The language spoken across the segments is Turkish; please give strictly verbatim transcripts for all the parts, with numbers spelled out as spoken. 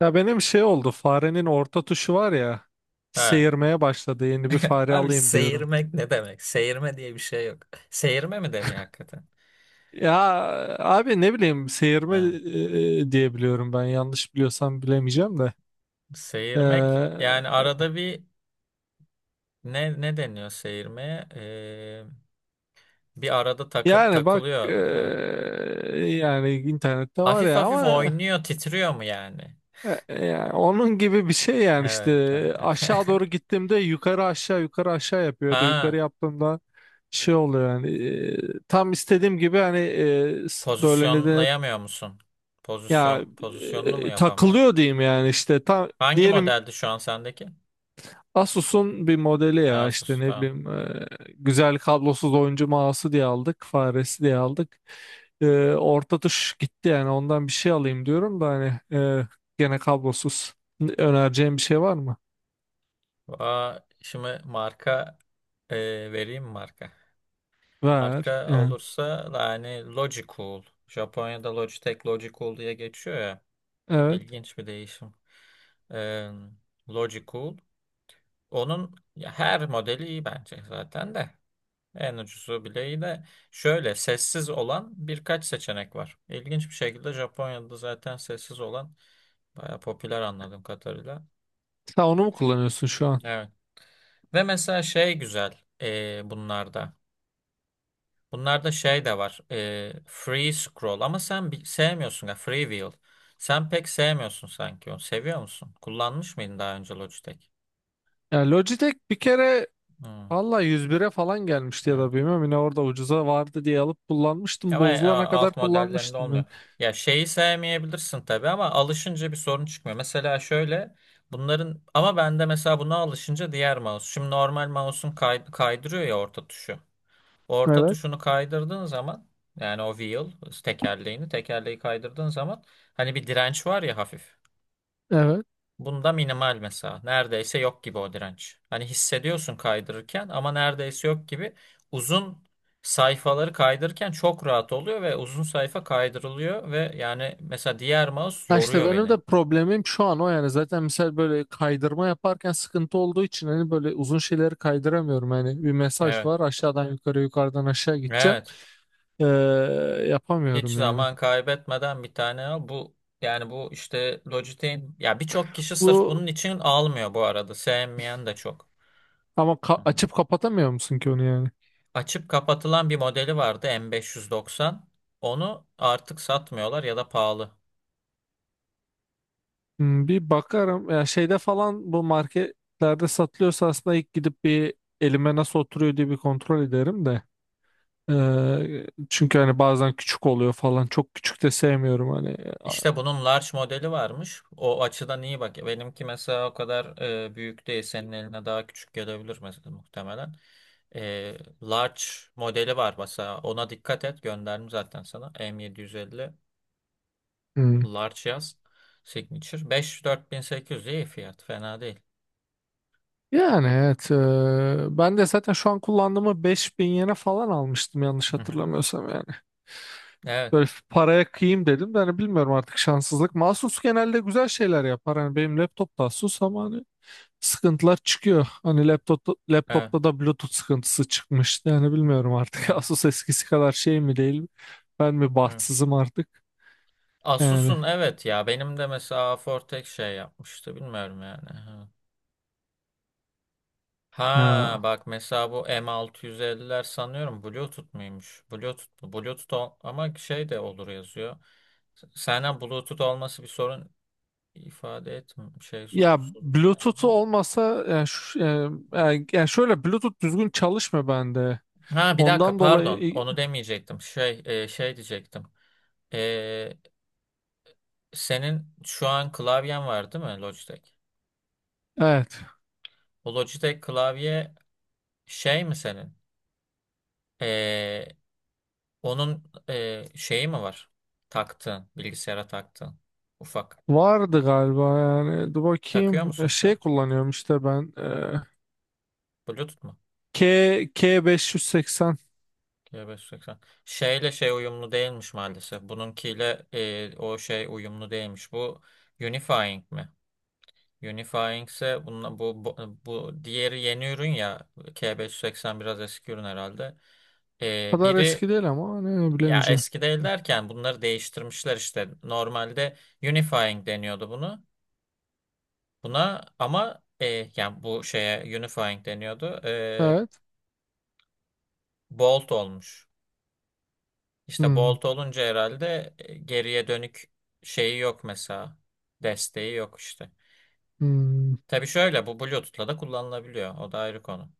Ya benim şey oldu, farenin orta tuşu var ya, Ha. seyirmeye başladı. Yeni bir fare Abi alayım diyorum. seyirmek ne demek? Seyirme diye bir şey yok. Seyirme mi deniyor hakikaten? Ya abi, ne bileyim, seyirme Ha. e, diye biliyorum, ben yanlış biliyorsam bilemeyeceğim de. Seyirmek Ee, yani arada bir ne ne deniyor seyirmeye? Ee, bir arada takı- Yani bak, e, takılıyor. Ha. yani internette var Hafif ya hafif ama oynuyor, titriyor mu yani? e, e, yani onun gibi bir şey yani işte Evet. Ha. aşağı doğru gittiğimde yukarı aşağı yukarı aşağı yapıyor ya da yukarı Ha, yaptığımda şey oluyor yani. E, tam istediğim gibi hani, e, s- böyle ne denir? pozisyonlayamıyor musun? Ya Pozisyon pozisyonunu mu e, yapamıyor? takılıyor diyeyim yani, işte tam Hangi diyelim. modeldi şu an sendeki? Asus'un bir modeli ya, işte Asus, ne tamam. bileyim, e, güzel kablosuz oyuncu mouse'u diye aldık, faresi diye aldık. E, Orta tuş gitti yani. Ondan bir şey alayım diyorum da, hani e, gene kablosuz, önereceğim bir şey var mı? Aa, şimdi marka e, vereyim mi marka. Ver Marka yani. olursa yani Logicool. Japonya'da Logitech Logicool diye geçiyor ya. Evet, İlginç bir değişim. Ee, Logicool. Onun ya her modeli iyi bence zaten de. En ucuzu bile iyi de şöyle sessiz olan birkaç seçenek var. İlginç bir şekilde Japonya'da zaten sessiz olan baya popüler anladığım kadarıyla. sen onu mu kullanıyorsun şu an? Evet. Ve mesela şey güzel ee, bunlarda. Bunlarda şey de var. e, free scroll ama sen bi- sevmiyorsun ya free wheel. Sen pek sevmiyorsun sanki onu. Seviyor musun? Kullanmış mıydın daha önce Logitech? Ya Logitech bir kere, Hmm, valla yüz bire falan gelmişti ya evet. da bilmiyorum, yine orada ucuza vardı diye alıp kullanmıştım, Ama e, bozulana kadar alt modellerinde olmuyor. kullanmıştım Ya şeyi sevmeyebilirsin tabii ama alışınca bir sorun çıkmıyor. Mesela şöyle bunların ama bende mesela buna alışınca diğer mouse. Şimdi normal mouse'un kay- kaydırıyor ya orta tuşu. Orta ben. tuşunu kaydırdığın zaman yani o wheel tekerleğini tekerleği kaydırdığın zaman hani bir direnç var ya hafif. Evet. Bunda minimal mesela. Neredeyse yok gibi o direnç. Hani hissediyorsun kaydırırken ama neredeyse yok gibi. Uzun sayfaları kaydırırken çok rahat oluyor ve uzun sayfa kaydırılıyor ve yani mesela diğer mouse Ha, işte yoruyor benim beni. de problemim şu an o yani. Zaten mesela böyle kaydırma yaparken sıkıntı olduğu için hani böyle uzun şeyleri kaydıramıyorum yani. Bir mesaj Evet. var, aşağıdan yukarı, yukarıdan aşağı gideceğim. Evet. Ee, Hiç Yapamıyorum yani. zaman kaybetmeden bir tane al. Bu yani bu işte Logitech'in ya birçok kişi sırf Bu bunun için almıyor bu arada. Sevmeyen de çok. ama ka- Hı hı. açıp kapatamıyor musun ki onu yani? Açıp kapatılan bir modeli vardı M beş yüz doksan. Onu artık satmıyorlar ya da pahalı. Hmm, bir bakarım ya. Şeyde falan, bu marketlerde satılıyorsa aslında, ilk gidip bir elime nasıl oturuyor diye bir kontrol ederim de. Ee, çünkü hani bazen küçük oluyor falan, çok küçük de sevmiyorum hani. İşte bunun large modeli varmış. O açıdan iyi bak. Benimki mesela o kadar e, büyük değil. Senin eline daha küçük gelebilir mesela muhtemelen. E, large modeli var mesela. Ona dikkat et. Gönderdim zaten sana. M yedi yüz elli Hmm. large yaz. Signature. elli dört bin sekiz yüz iyi fiyat. Fena değil. Yani evet, e, ben de zaten şu an kullandığımı beş bin yene falan almıştım, yanlış Hı hı. hatırlamıyorsam yani. Evet. Böyle paraya kıyayım dedim de hani, bilmiyorum, artık şanssızlık. Asus genelde güzel şeyler yapar. Hani benim laptop da Asus ama hani sıkıntılar çıkıyor. Hani laptop, Evet. laptopta da Bluetooth sıkıntısı çıkmıştı. Yani bilmiyorum artık. Evet. Asus eskisi kadar şey mi, değil mi? Ben mi evet. bahtsızım artık? Yani. Asus'un evet ya benim de mesela Fortex şey yapmıştı bilmiyorum yani. Ha Ya. bak mesela bu M altı yüz elliler sanıyorum Bluetooth muymuş? Bluetooth mu? Bluetooth ol- ama şey de olur yazıyor. S- Senden Bluetooth olması bir sorun ifade etmiyor. Şey Ya sorun, sorun çıkarmıyor Bluetooth'u mu? olmasa yani. şu- yani, yani şöyle, Bluetooth düzgün çalışmıyor bende. Ha bir dakika Ondan pardon dolayı onu demeyecektim. Şey e, şey diyecektim. E, senin şu an klavyen var değil mi Logitech? evet, O Logitech klavye şey mi senin? E, Onun e, şeyi mi var? Taktığın, bilgisayara taktığın. Ufak. vardı galiba yani, dur Takıyor bakayım. musun E, şu Şey an? kullanıyorum işte ben, e, Bluetooth mu? K K580. G beş yüz seksen. Şeyle şey uyumlu değilmiş maalesef. Bununkiyle e, o şey uyumlu değilmiş. Bu Unifying mi? Unifying ise bununla, bu, bu, bu diğeri yeni ürün ya. K beş yüz seksen biraz eski ürün herhalde. E, Kadar biri eski değil ama, ne ya bilemeyeceğim. eski değil derken bunları değiştirmişler işte. Normalde Unifying deniyordu bunu. Buna ama e, yani bu şeye unifying deniyordu. E, Evet. bolt olmuş. İşte Hmm, bolt olunca herhalde e, geriye dönük şeyi yok mesela. Desteği yok işte. hmm. Tabii şöyle bu Bluetooth'la da kullanılabiliyor. O da ayrı konu.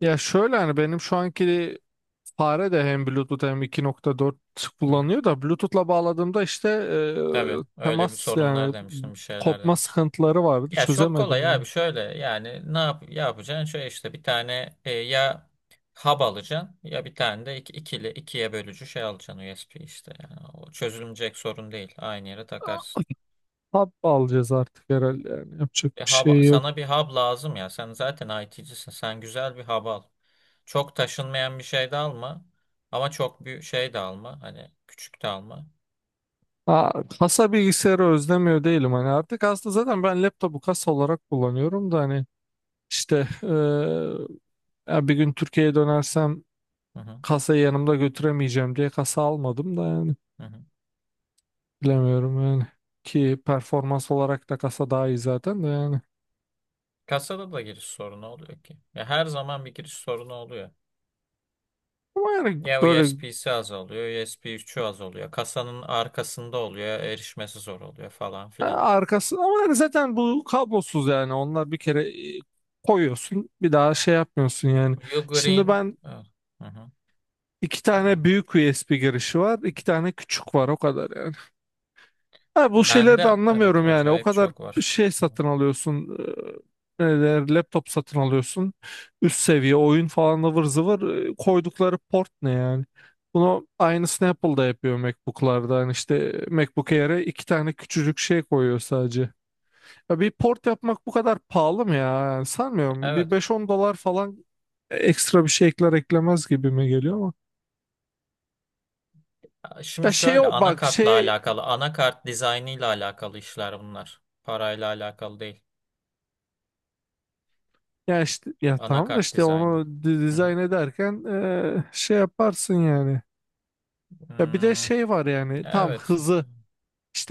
Ya şöyle hani, benim şu anki fare de hem Bluetooth hem iki nokta dört Hı hı. kullanıyor da, Bluetooth'la bağladığımda işte Tabii e, öyle bir temas sorunlar yani demiştim, bir şeyler kopma demiştim. sıkıntıları vardı, Ya çok çözemedim kolay abi yani. şöyle yani ne yap yapacaksın? Şöyle işte bir tane e, ya hub alacaksın ya bir tane de iki, ikili ikiye bölücü şey alacaksın U S B işte. Yani o çözülmeyecek sorun değil. Aynı yere takarsın. Hap alacağız artık herhalde yani, yapacak E, bir hub, şey sana yok. bir hub lazım ya. Sen zaten I T'cisin. Sen güzel bir hub al. Çok taşınmayan bir şey de alma. Ama çok büyük şey de alma. Hani küçük de alma. Aa, kasa bilgisayarı özlemiyor değilim hani, artık aslında zaten ben laptopu kasa olarak kullanıyorum da. Hani işte eee, ya bir gün Türkiye'ye dönersem Hı hı, kasayı yanımda götüremeyeceğim diye kasa almadım da yani, hı hı. bilemiyorum yani. Ki performans olarak da kasa daha iyi zaten de yani. Kasada da giriş sorunu oluyor ki. Ya her zaman bir giriş sorunu oluyor. Ama yani Ya böyle, U S B'si az oluyor, U S B üçü az oluyor. Kasanın arkasında oluyor, erişmesi zor oluyor falan e, filan. arkası ama yani zaten bu kablosuz yani. Onlar bir kere e, koyuyorsun, bir daha şey yapmıyorsun yani. Şimdi Ugreen, ben, evet, hı hı. iki tane büyük U S B girişi var, iki tane küçük var, o kadar yani. Ha, bu şeyleri de Bende evet anlamıyorum yani. O acayip kadar çok var. şey satın alıyorsun, e, ne der, laptop satın alıyorsun, üst seviye oyun falan, ıvır zıvır. e, Koydukları port ne yani? Bunu aynısını Apple da yapıyor MacBook'larda. Yani işte MacBook Air'e iki tane küçücük şey koyuyor sadece. Ya bir port yapmak bu kadar pahalı mı ya? Yani sanmıyorum. Bir Evet. beş on dolar falan e, ekstra bir şey ekler eklemez gibi mi geliyor ama. Şimdi Ya şey, şöyle o bak anakartla şey, alakalı, anakart dizaynıyla alakalı işler bunlar. Parayla alakalı değil. ya işte, ya tamam da Anakart işte dizaynı. onu di- Hı hı. dizayn ederken e, şey yaparsın yani. Ya bir de Hmm, şey var yani, tam evet. hızı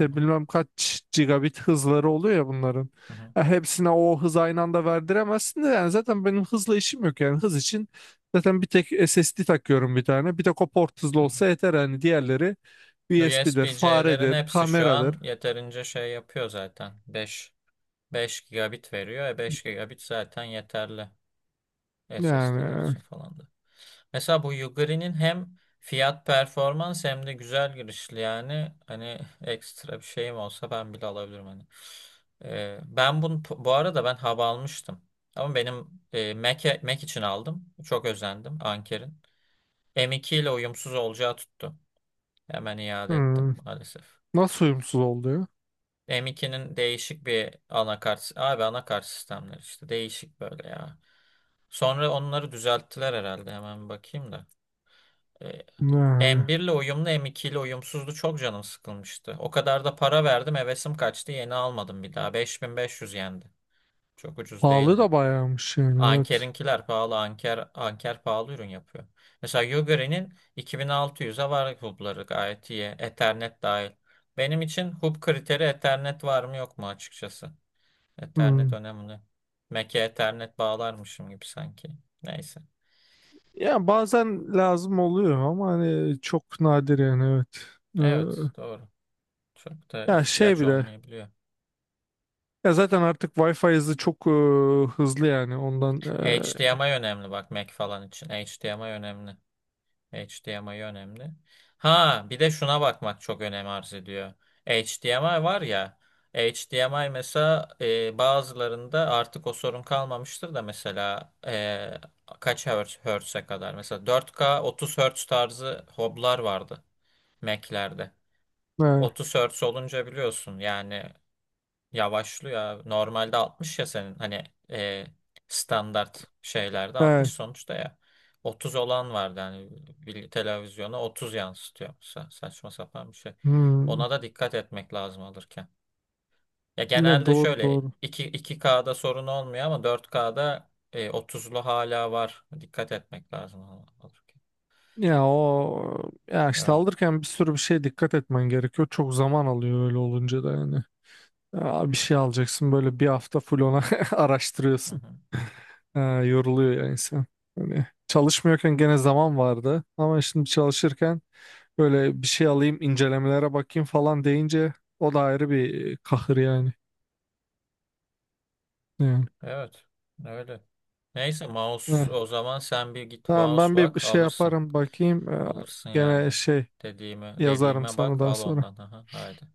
Hı hı, bilmem kaç gigabit hızları oluyor ya bunların. hı hı, Ya hepsine o hız aynı anda verdiremezsin de yani, zaten benim hızla işim yok yani. Hız için zaten bir tek S S D takıyorum, bir tane. Bir tek o port hızlı hı hı. olsa yeter yani. Diğerleri U S B'dir, U S B-C'lerin faredir, hepsi şu kameradır. an yeterince şey yapıyor zaten. Beş. Beş gigabit veriyor. E beş gigabit zaten yeterli S S D'ler Yani. için falan da. Mesela bu Yuguri'nin hem fiyat performans hem de güzel girişli yani hani ekstra bir şeyim olsa ben bile alabilirim hani. E, ben bunu bu arada ben hava almıştım. Ama benim e, Mac'e- Mac, için aldım. Çok özendim Anker'in. M iki ile uyumsuz olacağı tuttu. Hemen iade ettim Hmm, maalesef. nasıl uyumsuz oluyor? M ikinin değişik bir anakart. Abi anakart sistemleri işte değişik böyle ya. Sonra onları düzelttiler herhalde. Hemen bir bakayım da. E, Yani M bir ile uyumlu, M iki ile uyumsuzdu. Çok canım sıkılmıştı. O kadar da para verdim, hevesim kaçtı. Yeni almadım bir daha. beş bin beş yüz yendi. Çok ucuz pahalı değildi. da bayağımış yani, evet. Anker'inkiler pahalı. Anker Anker pahalı ürün yapıyor. Mesela Yuguri'nin iki bin altı yüze var hubları gayet iyi. Ethernet dahil. Benim için hub kriteri Ethernet var mı yok mu açıkçası. Ethernet Hmm. önemli. Mac'e Ethernet bağlarmışım gibi sanki. Neyse. Ya bazen lazım oluyor ama hani çok nadir yani, evet. Evet, doğru. Çok da Ee, ya şey ihtiyaç bile, olmayabiliyor. ya zaten artık Wi-Fi hızı çok e, hızlı yani. Ondan e, H D M I önemli bak Mac falan için. H D M I önemli. H D M I önemli. Ha bir de şuna bakmak çok önem arz ediyor. H D M I var ya. H D M I mesela e, bazılarında artık o sorun kalmamıştır da mesela e, kaç hertz, hertz'e kadar mesela dört K otuz hertz tarzı hoblar vardı Mac'lerde. he, otuz hertz olunca biliyorsun yani yavaşlıyor abi. Normalde altmış ya senin hani e, standart şeylerde he, altmış sonuçta ya. Otuz olan vardı hani bir televizyona otuz yansıtıyor. Sa- saçma sapan bir şey. hmm. Ona da dikkat etmek lazım alırken. Ya Ne genelde doğru, şöyle doğru. iki iki kda sorun olmuyor ama dört kda e, otuzlu hala var. Dikkat etmek lazım al- alırken. Ya o, ya işte Evet. alırken bir sürü bir şeye dikkat etmen gerekiyor. Çok zaman alıyor öyle olunca da yani. Ya bir şey alacaksın böyle, bir hafta full ona Hı araştırıyorsun. hı. Ha, yoruluyor yani insan. Hani çalışmıyorken gene zaman vardı ama şimdi çalışırken böyle bir şey alayım, incelemelere bakayım falan deyince o da ayrı bir e, kahır yani. Yani. Evet. Öyle. Neyse mouse Evet. o zaman sen bir git Tamam, mouse ben bir bak şey alırsın. yaparım, bakayım. Ee, Alırsın Gene yani. şey Dediğime, yazarım dediğime sana bak daha al sonra. ondan. Aha, haydi.